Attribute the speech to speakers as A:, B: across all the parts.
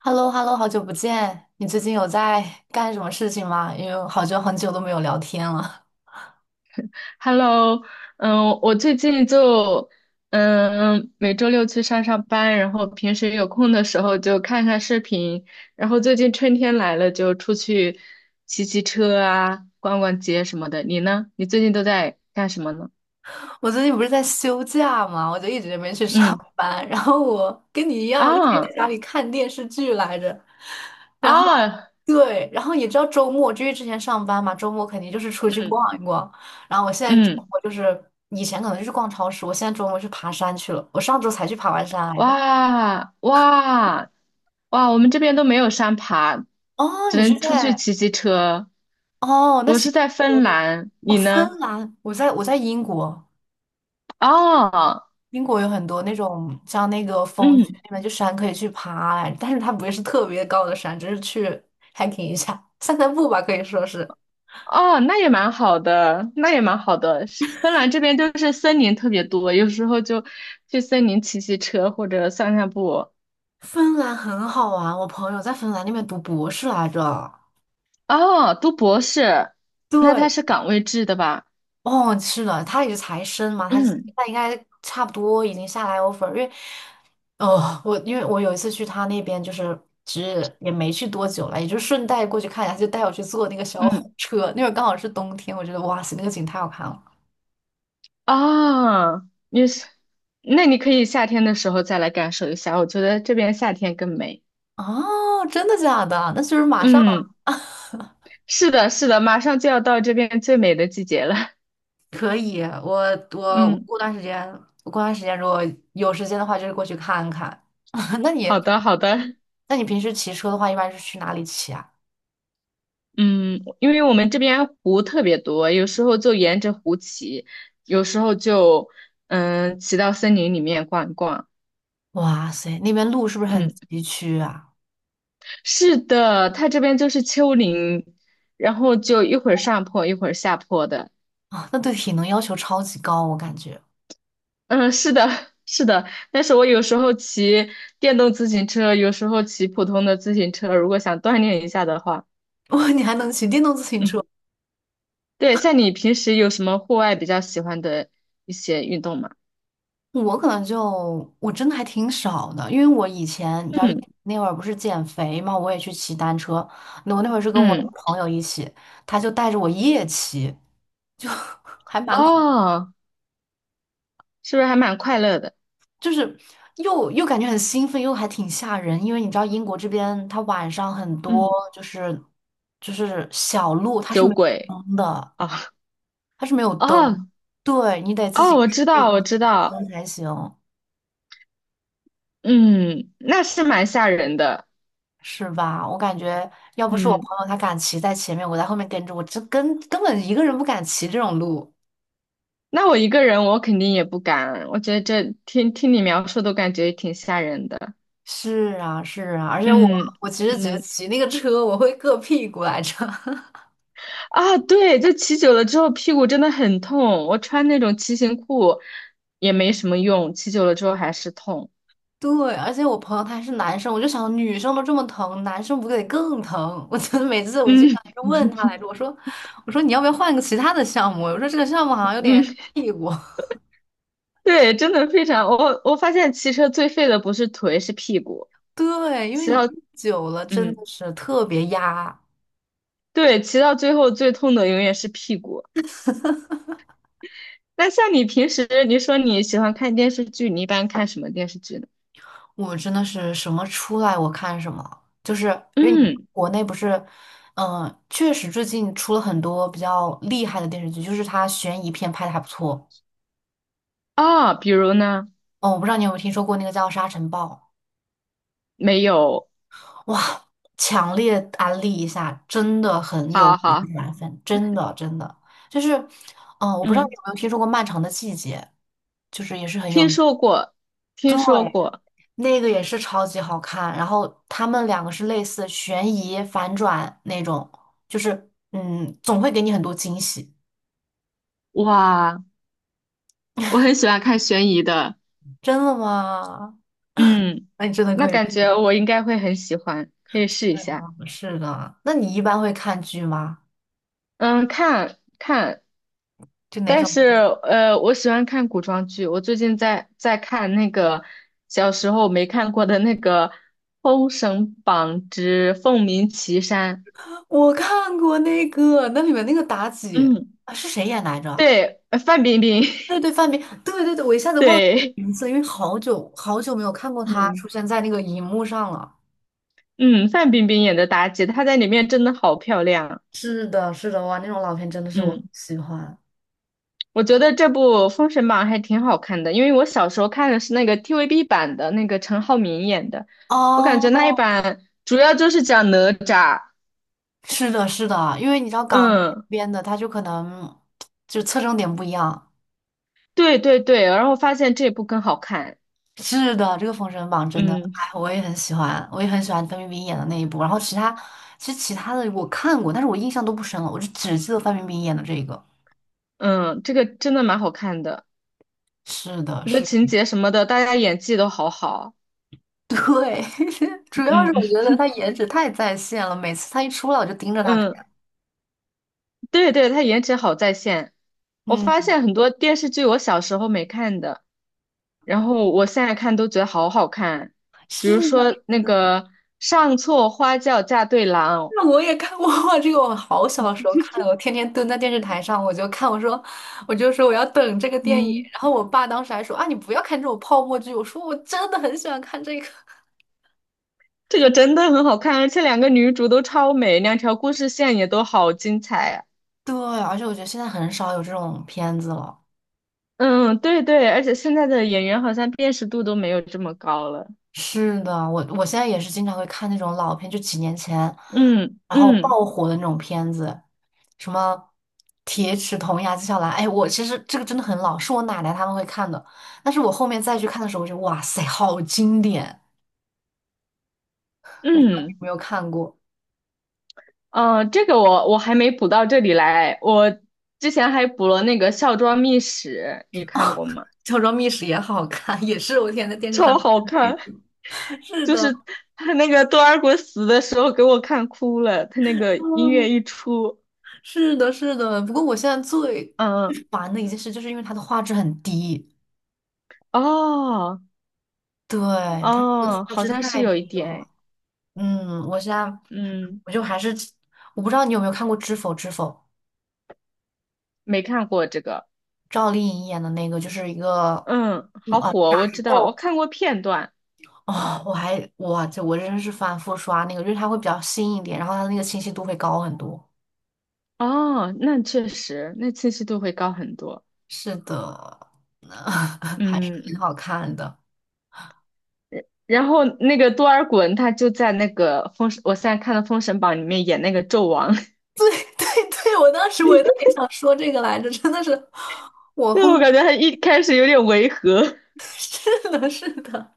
A: h e l l o h e l l o 好久不见！你最近有在干什么事情吗？因为好久很久都没有聊天了。
B: Hello，我最近就每周六去上班，然后平时有空的时候就看看视频，然后最近春天来了就出去骑骑车啊，逛逛街什么的。你呢？你最近都在干什么呢？
A: 我最近不是在休假嘛，我就一直没去上
B: 嗯。
A: 班。然后我跟你一样，我就天
B: 啊。
A: 在家里看电视剧来着。然后
B: 啊。
A: 对，然后你知道周末，就因为之前上班嘛，周末肯定就是出去
B: 嗯。
A: 逛一逛。然后我现在周
B: 嗯。
A: 末就是以前可能就是逛超市，我现在周末去爬山去了。我上周才去爬完山来着。
B: 哇。哇。哇，我们这边都没有山爬，
A: 哦，
B: 只
A: 你是
B: 能出去
A: 在
B: 骑骑车。
A: 哦，那
B: 我
A: 行。
B: 是在芬兰，
A: 哦，
B: 你呢？
A: 芬兰，我在英国，
B: 哦。
A: 英国有很多那种像那个峰区
B: 嗯。
A: 那边就山可以去爬来，但是它不会是特别高的山，只是去 hiking 一下，散散步吧，可以说是。
B: 哦，那也蛮好的，那也蛮好的。是芬兰这边就是森林特别多，有时候就去森林骑骑车或者散散步。
A: 芬兰很好玩，我朋友在芬兰那边读博士来着。
B: 哦，读博士，那他
A: 对，
B: 是岗位制的吧？
A: 哦，是的，他也是才生嘛，他
B: 嗯。
A: 他应该差不多已经下来 offer,因为，哦，我因为我有一次去他那边，就是其实也没去多久了，也就顺带过去看一下，他就带我去坐那个小火
B: 嗯。
A: 车，那会儿刚好是冬天，我觉得哇塞，那个景太好看了。
B: 哦，你是，那你可以夏天的时候再来感受一下，我觉得这边夏天更美。
A: 哦，真的假的？那就是马上了。
B: 嗯，是的，是的，马上就要到这边最美的季节了。
A: 可以，我我
B: 嗯。
A: 过段时间，我过段时间如果有时间的话，就是过去看看。那你，
B: 好的，好的。
A: 那你平时骑车的话，一般是去哪里骑啊？
B: 嗯，因为我们这边湖特别多，有时候就沿着湖骑，有时候就骑到森林里面逛一逛。
A: 哇塞，那边路是不是很
B: 嗯，
A: 崎岖啊？
B: 是的，它这边就是丘陵，然后就一会儿上坡一会儿下坡的。
A: 啊，那对体能要求超级高，我感觉。
B: 嗯，是的，是的。但是我有时候骑电动自行车，有时候骑普通的自行车，如果想锻炼一下的话，
A: 哇，你还能骑电动自行
B: 嗯，
A: 车？
B: 对。像你平时有什么户外比较喜欢的一些运动吗？
A: 我可能就我真的还挺少的，因为我以前你知道一
B: 嗯。
A: 那会儿不是减肥嘛，我也去骑单车。那我那会儿是跟我一个
B: 嗯。
A: 朋友一起，他就带着我夜骑，就 还蛮恐，
B: 哦。是不是还蛮快乐的？
A: 就是又感觉很兴奋，又还挺吓人。因为你知道英国这边它晚上很
B: 嗯，
A: 多就是就是小路它是
B: 酒
A: 没有
B: 鬼
A: 灯的。
B: 啊。
A: 它是没有灯，
B: 哦。
A: 对，你得自
B: 哦，
A: 己开
B: 我知
A: 一
B: 道，我知
A: 只
B: 道。
A: 灯才行，
B: 嗯，那是蛮吓人的。
A: 是吧？我感觉要不是我朋
B: 嗯，
A: 友他敢骑在前面，我在后面跟着，我这根本一个人不敢骑这种路。
B: 那我一个人我肯定也不敢，我觉得这听你描述都感觉挺吓人的。
A: 是啊，是啊，而且我
B: 嗯。
A: 我其实觉得
B: 嗯。
A: 骑那个车我会硌屁股来着。
B: 啊，对，就骑久了之后屁股真的很痛，我穿那种骑行裤也没什么用，骑久了之后还是痛。
A: 对，而且我朋友他还是男生，我就想女生都这么疼，男生不得更疼？我真的每次我经
B: 嗯。
A: 常就问他来着，我说你要不要换个其他的项目？我说这个项目好像有
B: 嗯，
A: 点屁股。
B: 对，真的非常，我发现骑车最废的不是腿是屁股，
A: 对，因为
B: 骑
A: 你
B: 到。
A: 看久了真
B: 嗯。
A: 的是特别压，
B: 对，骑到最后最痛的永远是屁股。那像你平时你说你喜欢看电视剧，你一般看什么电视剧呢？
A: 我真的是什么出来我看什么，就是因为你
B: 嗯。
A: 国内不是，嗯、确实最近出了很多比较厉害的电视剧，就是它悬疑片拍的还不错。
B: 啊、比如呢？
A: 哦，我不知道你有没有听说过那个叫《沙尘暴》，
B: 没有。
A: 哇，强烈安利一下，真的很有
B: 好
A: 悬
B: 好。
A: 疑分，真的真的就是，嗯、我不知道你
B: 嗯。
A: 有没有听说过《漫长的季节》，就是也是很有
B: 听
A: 名。
B: 说过，听
A: 对，
B: 说过。
A: 那个也是超级好看，然后他们两个是类似悬疑反转那种，就是嗯，总会给你很多惊喜。
B: 哇，我很喜欢看悬疑的。
A: 真的吗？
B: 嗯，
A: 那你真的可
B: 那
A: 以
B: 感
A: 去
B: 觉我应该会很喜欢，可以试一下。
A: 吗？是的，那你一般会看剧吗？
B: 嗯，看看。
A: 就哪
B: 但
A: 种？
B: 是我喜欢看古装剧，我最近在看那个小时候没看过的那个《封神榜之凤鸣岐山》。
A: 我看过那个，那里面那个妲己
B: 嗯，
A: 啊，是谁演来着？
B: 对，范冰冰。
A: 对对，范冰，对对对，我一下 子忘记
B: 对。
A: 名字，因为好久好久没有看过她出
B: 嗯。
A: 现在那个荧幕上了。
B: 嗯，范冰冰演的妲己，她在里面真的好漂亮。
A: 是的，是的，哇，那种老片真的是我很
B: 嗯，
A: 喜欢。
B: 我觉得这部《封神榜》还挺好看的，因为我小时候看的是那个 TVB 版的，那个陈浩民演的，我感觉那
A: 哦，
B: 一版主要就是讲哪吒。
A: 是的，是的，因为你知道港台那
B: 嗯。
A: 边的，他就可能就侧重点不一样。
B: 对对对，然后发现这部更好看。
A: 是的，这个《封神榜》真的，
B: 嗯。
A: 哎，我也很喜欢，我也很喜欢范冰冰演的那一部。然后其他，其实其他的我看过，但是我印象都不深了，我就只记得范冰冰演的这个。
B: 嗯，这个真的蛮好看的，
A: 是的，
B: 我觉得
A: 是
B: 情
A: 的，
B: 节什么的，大家演技都好好。
A: 对，主要是我
B: 嗯。
A: 觉得她颜值太在线了，每次她一出来我就盯着她看。
B: 嗯。对对，他颜值好在线。我发
A: 嗯，
B: 现很多电视剧我小时候没看的，然后我现在看都觉得好好看，比
A: 是
B: 如
A: 的，
B: 说
A: 是
B: 那
A: 的。
B: 个《上错花轿嫁对郎》。
A: 那我也看过哇，这个我好小的时候看的，我天天蹲在电视台上，我就看，我说，我就说我要等这个电影，
B: 嗯，
A: 然后我爸当时还说啊，你不要看这种泡沫剧，我说我真的很喜欢看这个。
B: 这个真的很好看，而且两个女主都超美，两条故事线也都好精彩啊。
A: 对，而且我觉得现在很少有这种片子了。
B: 嗯，对对，而且现在的演员好像辨识度都没有这么高了。
A: 是的，我现在也是经常会看那种老片，就几年前，
B: 嗯。
A: 然后
B: 嗯。
A: 爆火的那种片子，什么《铁齿铜牙纪晓岚》。哎，我其实这个真的很老，是我奶奶他们会看的，但是我后面再去看的时候，我就哇塞，好经典。我不知道你有
B: 嗯。
A: 没有看过，
B: 哦，这个我还没补到这里来，我之前还补了那个《孝庄秘史》，你看过吗？
A: 《乔装密史》，也好看，也是我天天在 电视上
B: 超
A: 看
B: 好
A: 的那
B: 看，
A: 种。是
B: 就
A: 的，
B: 是他那个多尔衮死的时候给我看哭了，他那个音乐
A: 嗯，
B: 一出。
A: 是的，是的。不过我现在最
B: 嗯。
A: 烦的一件事，就是因为它的画质很低，
B: 哦。
A: 对，它这个
B: 哦，
A: 画
B: 好
A: 质
B: 像是
A: 太
B: 有一
A: 低
B: 点
A: 了。
B: 诶。
A: 嗯，我现在
B: 嗯，
A: 我就还是我不知道你有没有看过《知否知否》，
B: 没看过这个。
A: 赵丽颖演的那个，就是一个
B: 嗯，
A: 嗯
B: 好
A: 啊
B: 火，
A: 宅
B: 我知道，我
A: 斗。
B: 看过片段。嗯。
A: 哦，我还我这我真是反复刷那个，因为它会比较新一点，然后它的那个清晰度会高很多。
B: 哦，那确实，那清晰度会高很多。
A: 是的，那 还是
B: 嗯，
A: 挺好看的。
B: 然后那个多尔衮他就在那个封，我现在看的《封神榜》里面演那个纣王。
A: 对对，我当时我也特也想说这个来着，真的是，我
B: 因为
A: 后面
B: 我感觉他一开始有点违和，
A: 是的，是的，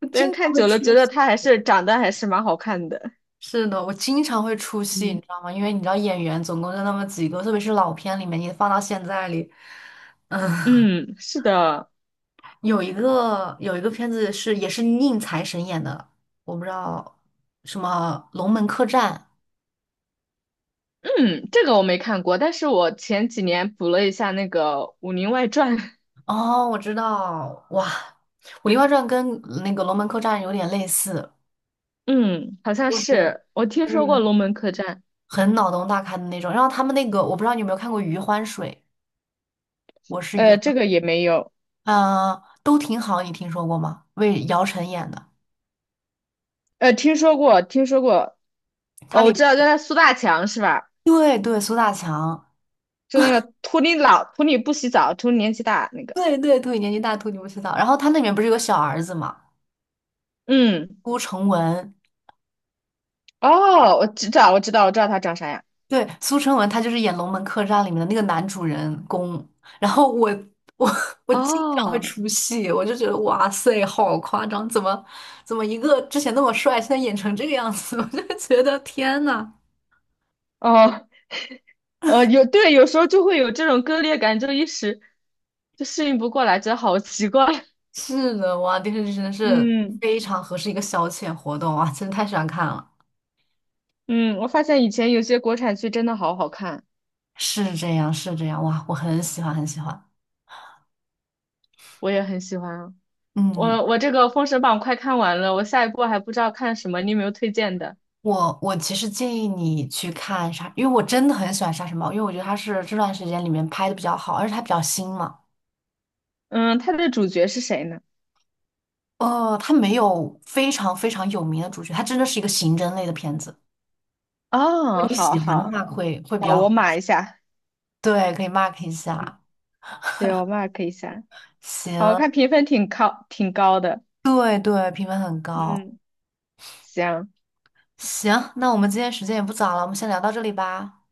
A: 我
B: 但
A: 经常
B: 看
A: 会
B: 久了
A: 出
B: 觉得
A: 戏。
B: 他还是长得还是蛮好看的。
A: 是的，我经常会出戏，你
B: 嗯。
A: 知道吗？因为你知道演员总共就那么几个，特别是老片里面，你放到现在里，嗯，
B: 嗯，是的。
A: 有一个片子是也是宁财神演的，我不知道什么《龙门客栈》，
B: 嗯，这个我没看过，但是我前几年补了一下那个《武林外传》。
A: 哦，我知道，哇，《武林外传》跟那个《龙门客栈》有点类似，
B: 嗯，好像
A: 就是
B: 是我听说过
A: 嗯，
B: 龙门客栈。
A: 很脑洞大开的那种。然后他们那个，我不知道你有没有看过《余欢水》，我是余
B: 呃，这
A: 欢，
B: 个也没有。
A: 呃，都挺好，你听说过吗？为姚晨演的，
B: 呃，听说过，听说过。
A: 他
B: 哦，
A: 里
B: 我知
A: 边
B: 道，就那苏大强是吧？
A: 对对苏大强，
B: 就那个图你老，图你不洗澡，图你年纪大那个。
A: 对对对，年纪大秃你不知道。然后他那里面不是有个小儿子嘛，
B: 嗯。
A: 顾成文，
B: 哦，我知道，我知道，我知道他长啥样。
A: 对，苏春文他就是演《龙门客栈》里面的那个男主人公，然后我 我经常会
B: 哦。
A: 出戏，我就觉得哇塞，好夸张，怎么一个之前那么帅，现在演成这个样子，我就觉得天呐，
B: 哦。呃，有，对，有时候就会有这种割裂感，就一时就适应不过来，觉得好奇怪。
A: 是的，哇，电视剧真的是
B: 嗯。
A: 非常合适一个消遣活动哇，真的太喜欢看了，
B: 嗯，我发现以前有些国产剧真的好好看。
A: 是这样是这样，哇，我很喜欢很喜欢，
B: 我也很喜欢啊。
A: 嗯。
B: 我我这个《封神榜》快看完了，我下一步还不知道看什么，你有没有推荐的？
A: 我其实建议你去看杀，因为我真的很喜欢《杀神堡》，因为我觉得它是这段时间里面拍的比较好，而且它比较新嘛。
B: 嗯，它的主角是谁呢？
A: 哦，它没有非常非常有名的主角，它真的是一个刑侦类的片子。如
B: 哦，
A: 果你
B: 好
A: 喜欢的
B: 好
A: 话会，会比
B: 好，
A: 较
B: 我码一下。
A: 对，可以 mark 一下。
B: 对，我 mark 一下。好，我
A: 行，
B: 看评分挺高，挺高的。
A: 对对，评分很高。
B: 嗯。行。
A: 行，那我们今天时间也不早了，我们先聊到这里吧。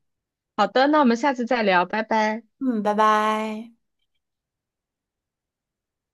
B: 好的，那我们下次再聊，拜拜。
A: 嗯，拜拜。